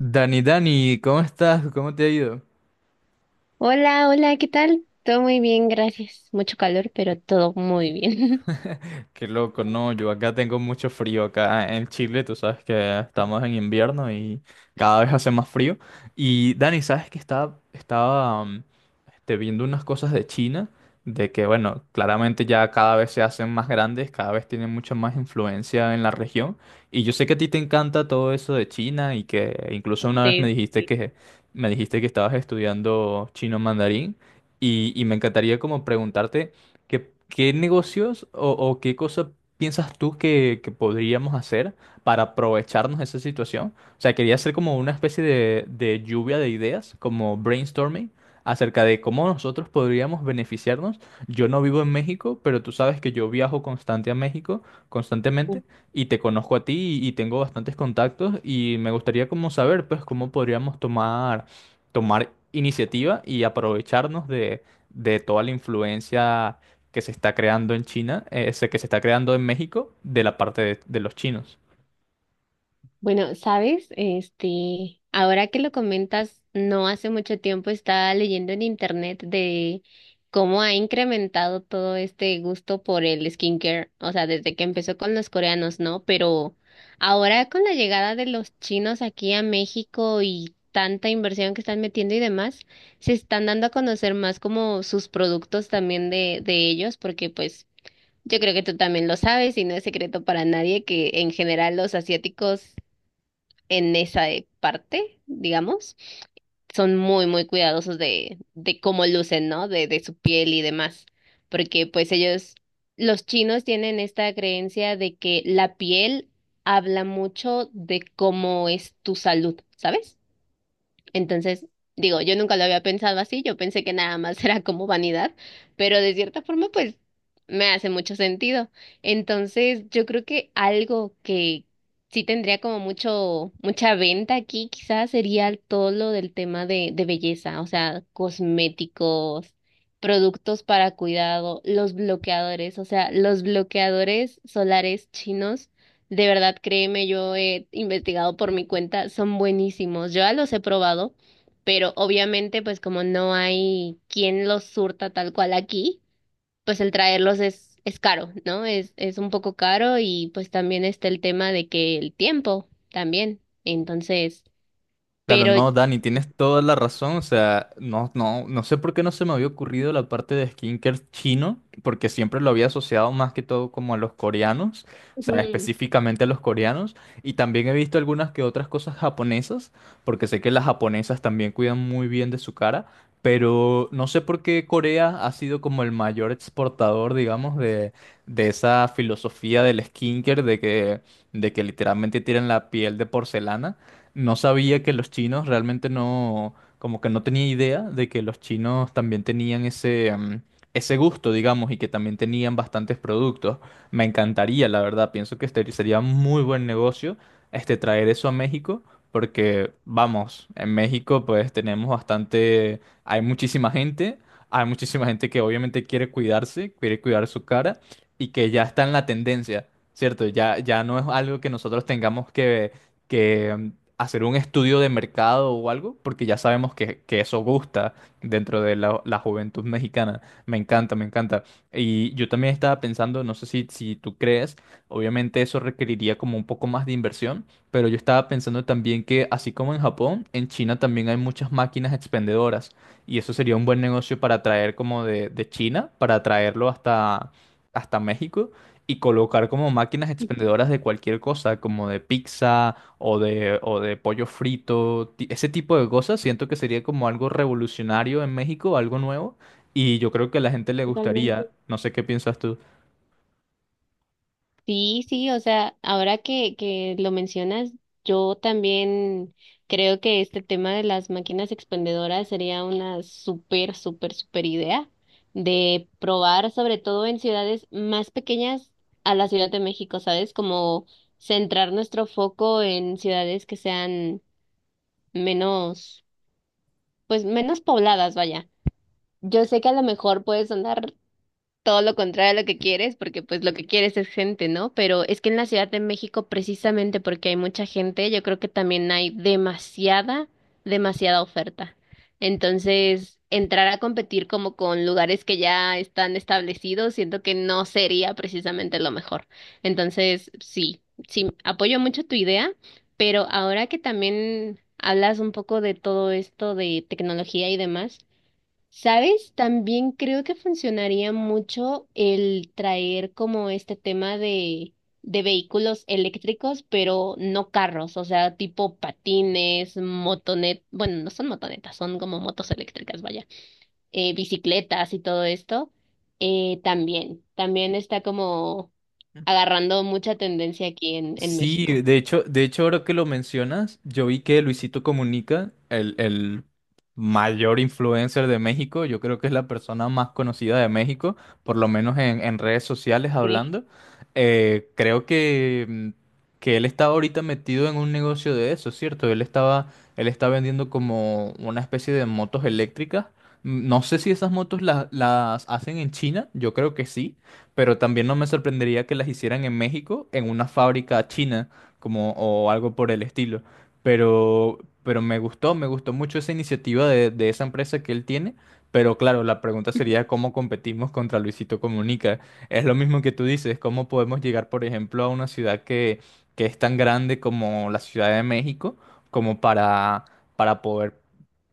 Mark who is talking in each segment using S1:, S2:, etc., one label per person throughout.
S1: Dani, Dani, ¿cómo estás? ¿Cómo te ha ido?
S2: Hola, hola, ¿qué tal? Todo muy bien, gracias. Mucho calor, pero todo muy bien.
S1: Qué loco, no, yo acá tengo mucho frío, acá en Chile. Tú sabes que estamos en invierno y cada vez hace más frío. Y Dani, sabes que viendo unas cosas de China, de que bueno, claramente ya cada vez se hacen más grandes, cada vez tienen mucha más influencia en la región. Y yo sé que a ti te encanta todo eso de China y que incluso una vez me
S2: Sí,
S1: dijiste
S2: sí,
S1: me dijiste que estabas estudiando chino mandarín y me encantaría como preguntarte... ¿Qué negocios o qué cosa piensas tú que podríamos hacer para aprovecharnos de esa situación? O sea, quería hacer como una especie de lluvia de ideas, como brainstorming, acerca de cómo nosotros podríamos beneficiarnos. Yo no vivo en México, pero tú sabes que yo viajo constante a México, constantemente, y te conozco a ti y tengo bastantes contactos y me gustaría como saber, pues, cómo tomar iniciativa y aprovecharnos de toda la influencia que se está creando en China, ese que se está creando en México, de la parte de los chinos.
S2: bueno, sabes, ahora que lo comentas, no hace mucho tiempo estaba leyendo en internet de cómo ha incrementado todo este gusto por el skincare, o sea, desde que empezó con los coreanos, ¿no? Pero ahora con la llegada de los chinos aquí a México y tanta inversión que están metiendo y demás, se están dando a conocer más como sus productos también de ellos, porque pues yo creo que tú también lo sabes y no es secreto para nadie que en general los asiáticos en esa parte, digamos, son muy, muy cuidadosos de cómo lucen, ¿no? De su piel y demás, porque pues ellos, los chinos tienen esta creencia de que la piel habla mucho de cómo es tu salud, ¿sabes? Entonces, digo, yo nunca lo había pensado así, yo pensé que nada más era como vanidad, pero de cierta forma, pues, me hace mucho sentido. Entonces, yo creo que algo que sí tendría como mucho, mucha venta aquí, quizás sería todo lo del tema de belleza, o sea, cosméticos, productos para cuidado, los bloqueadores, o sea, los bloqueadores solares chinos de verdad, créeme, yo he investigado por mi cuenta, son buenísimos. Yo ya los he probado, pero obviamente, pues como no hay quien los surta tal cual aquí, pues el traerlos es caro, ¿no? Es un poco caro y pues también está el tema de que el tiempo también. Entonces,
S1: Claro,
S2: pero...
S1: no, Dani, tienes toda la razón. O sea, no sé por qué no se me había ocurrido la parte de skincare chino, porque siempre lo había asociado más que todo como a los coreanos, o sea,
S2: Ujú,
S1: específicamente a los coreanos. Y también he visto algunas que otras cosas japonesas, porque sé que las japonesas también cuidan muy bien de su cara, pero no sé por qué Corea ha sido como el mayor exportador, digamos, de esa filosofía del skincare, de que literalmente tienen la piel de porcelana. No sabía que los chinos realmente no, como que no tenía idea de que los chinos también tenían ese gusto, digamos, y que también tenían bastantes productos. Me encantaría, la verdad, pienso que este sería muy buen negocio, este, traer eso a México, porque, vamos, en México pues tenemos bastante, hay muchísima gente que obviamente quiere cuidarse, quiere cuidar su cara y que ya está en la tendencia, ¿cierto? Ya, ya no es algo que nosotros tengamos que hacer un estudio de mercado o algo, porque ya sabemos que eso gusta dentro de la juventud mexicana. Me encanta, me encanta. Y yo también estaba pensando, no sé si tú crees, obviamente eso requeriría como un poco más de inversión, pero yo estaba pensando también que así como en Japón, en China también hay muchas máquinas expendedoras y eso sería un buen negocio para traer como de China, para traerlo hasta México. Y colocar como máquinas expendedoras de cualquier cosa, como de pizza, o de pollo frito, ese tipo de cosas, siento que sería como algo revolucionario en México, algo nuevo, y yo creo que a la gente le gustaría,
S2: totalmente.
S1: no sé qué piensas tú.
S2: Sí, sí, o sea, ahora que lo mencionas, yo también creo que este tema de las máquinas expendedoras sería una súper, súper, súper idea de probar, sobre todo en ciudades más pequeñas a la Ciudad de México, ¿sabes? Como centrar nuestro foco en ciudades que sean menos, pues menos pobladas, vaya. Yo sé que a lo mejor puede sonar todo lo contrario a lo que quieres, porque pues lo que quieres es gente, ¿no? Pero es que en la Ciudad de México, precisamente porque hay mucha gente, yo creo que también hay demasiada oferta. Entonces, entrar a competir como con lugares que ya están establecidos, siento que no sería precisamente lo mejor. Entonces, sí, sí, apoyo mucho tu idea, pero ahora que también hablas un poco de todo esto de tecnología y demás, ¿sabes? También creo que funcionaría mucho el traer como este tema de vehículos eléctricos, pero no carros, o sea, tipo patines, bueno, no son motonetas, son como motos eléctricas, vaya, bicicletas y todo esto. También, también está como agarrando mucha tendencia aquí en
S1: Sí,
S2: México.
S1: de hecho, ahora que lo mencionas, yo vi que Luisito Comunica, el mayor influencer de México, yo creo que es la persona más conocida de México, por lo menos en redes sociales
S2: Sí.
S1: hablando, eh, creo que, mm, que él estaba ahorita metido en un negocio de eso, ¿cierto? Él estaba, él está vendiendo como una especie de motos eléctricas. Mm, no sé si esas motos las hacen en China, yo creo que sí, pero también no me sorprendería que las hicieran en México, en una fábrica china, como, o algo por el estilo. Pero me gustó mucho esa iniciativa de esa empresa que él tiene. Pero claro, la pregunta sería cómo competimos contra Luisito Comunica. Es lo mismo que tú dices, cómo podemos llegar, por ejemplo, a una ciudad que es tan grande como la Ciudad de México, como para poder,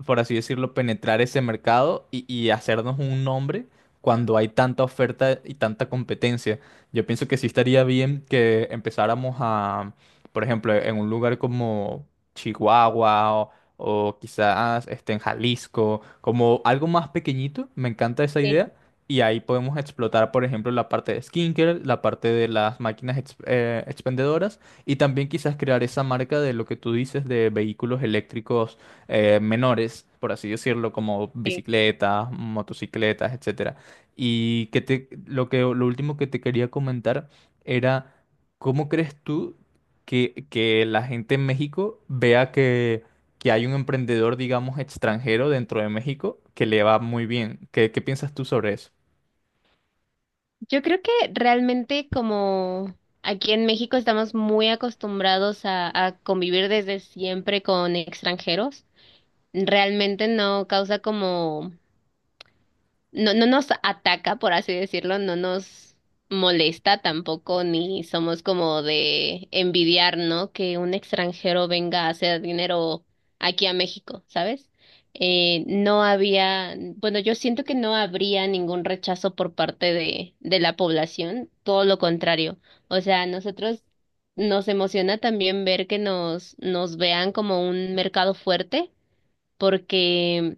S1: por así decirlo, penetrar ese mercado y hacernos un nombre cuando hay tanta oferta y tanta competencia. Yo pienso que sí estaría bien que empezáramos a, por ejemplo, en un lugar como Chihuahua o quizás este, en Jalisco, como algo más pequeñito. Me encanta esa
S2: Sí.
S1: idea. Y ahí podemos explotar, por ejemplo, la parte de skincare, la parte de las máquinas expendedoras y también quizás crear esa marca de lo que tú dices de vehículos eléctricos, menores, por así decirlo, como
S2: Sí.
S1: bicicletas, motocicletas, etcétera. Y que te, lo último que te quería comentar era, ¿cómo crees tú que la gente en México vea que hay un emprendedor, digamos, extranjero dentro de México que le va muy bien? ¿Qué piensas tú sobre eso?
S2: Yo creo que realmente como aquí en México estamos muy acostumbrados a convivir desde siempre con extranjeros, realmente no causa como no, no nos ataca, por así decirlo, no nos molesta tampoco, ni somos como de envidiar, ¿no? Que un extranjero venga a hacer dinero aquí a México, ¿sabes? No había, bueno, yo siento que no habría ningún rechazo por parte de la población, todo lo contrario. O sea, a nosotros nos emociona también ver que nos, nos vean como un mercado fuerte, porque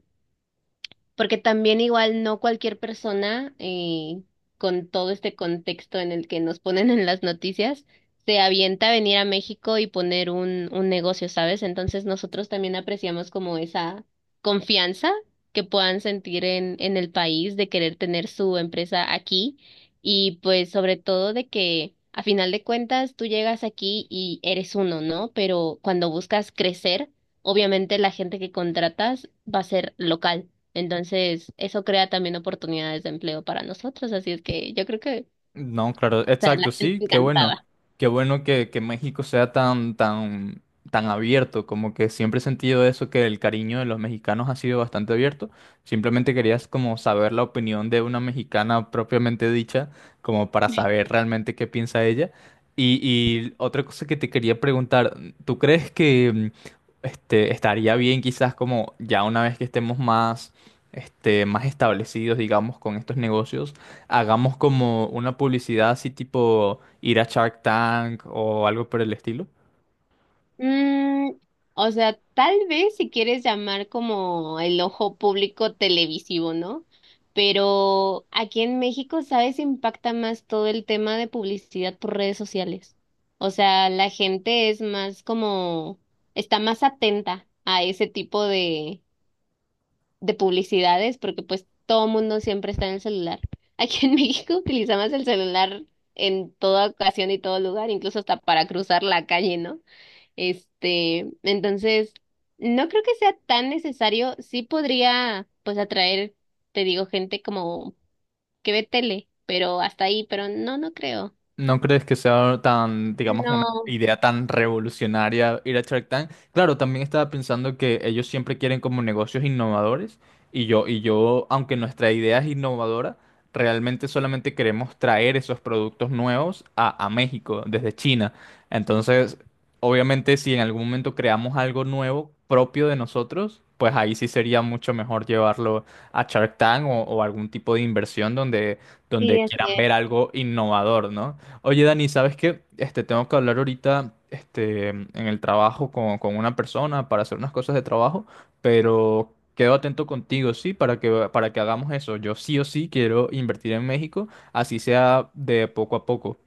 S2: porque también igual no cualquier persona, con todo este contexto en el que nos ponen en las noticias, se avienta a venir a México y poner un negocio, ¿sabes? Entonces nosotros también apreciamos como esa confianza que puedan sentir en el país de querer tener su empresa aquí y pues sobre todo de que a final de cuentas tú llegas aquí y eres uno, ¿no? Pero cuando buscas crecer, obviamente la gente que contratas va a ser local. Entonces, eso crea también oportunidades de empleo para nosotros, así es que yo creo que, o
S1: No, claro,
S2: sea, la
S1: exacto,
S2: gente
S1: sí, qué bueno.
S2: encantada.
S1: Qué bueno que México sea tan abierto, como que siempre he sentido eso, que el cariño de los mexicanos ha sido bastante abierto. Simplemente querías como saber la opinión de una mexicana propiamente dicha, como para saber realmente qué piensa ella. Y otra cosa que te quería preguntar, ¿tú crees que estaría bien quizás como ya una vez que estemos más establecidos, digamos, con estos negocios? Hagamos como una publicidad así tipo ir a Shark Tank o algo por el estilo.
S2: Mm, o sea, tal vez si quieres llamar como el ojo público televisivo, ¿no? Pero aquí en México, ¿sabes? Impacta más todo el tema de publicidad por redes sociales. O sea, la gente es más como, está más atenta a ese tipo de publicidades, porque pues todo mundo siempre está en el celular. Aquí en México utilizamos el celular en toda ocasión y todo lugar, incluso hasta para cruzar la calle, ¿no? Entonces, no creo que sea tan necesario, sí podría pues atraer, te digo, gente como que ve tele, pero hasta ahí, pero no, no creo.
S1: ¿No crees que sea tan, digamos, una
S2: No,
S1: idea tan revolucionaria ir a Shark Tank? Claro, también estaba pensando que ellos siempre quieren como negocios innovadores y yo, aunque nuestra idea es innovadora, realmente solamente queremos traer esos productos nuevos a México desde China. Entonces, obviamente, si en algún momento creamos algo nuevo propio de nosotros, pues ahí sí sería mucho mejor llevarlo a Shark Tank o algún tipo de inversión donde, donde
S2: sí, así
S1: quieran ver algo innovador, ¿no? Oye, Dani, ¿sabes qué? Este, tengo que hablar ahorita, este, en el trabajo con una persona para hacer unas cosas de trabajo, pero quedo atento contigo, sí, para que hagamos eso. Yo sí o sí quiero invertir en México, así sea de poco a poco.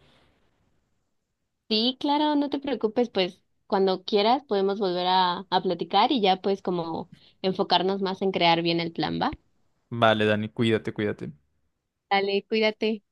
S2: sí, claro, no te preocupes, pues cuando quieras podemos volver a platicar y ya pues como enfocarnos más en crear bien el plan, ¿va?
S1: Vale, Dani, cuídate, cuídate.
S2: Dale, cuídate.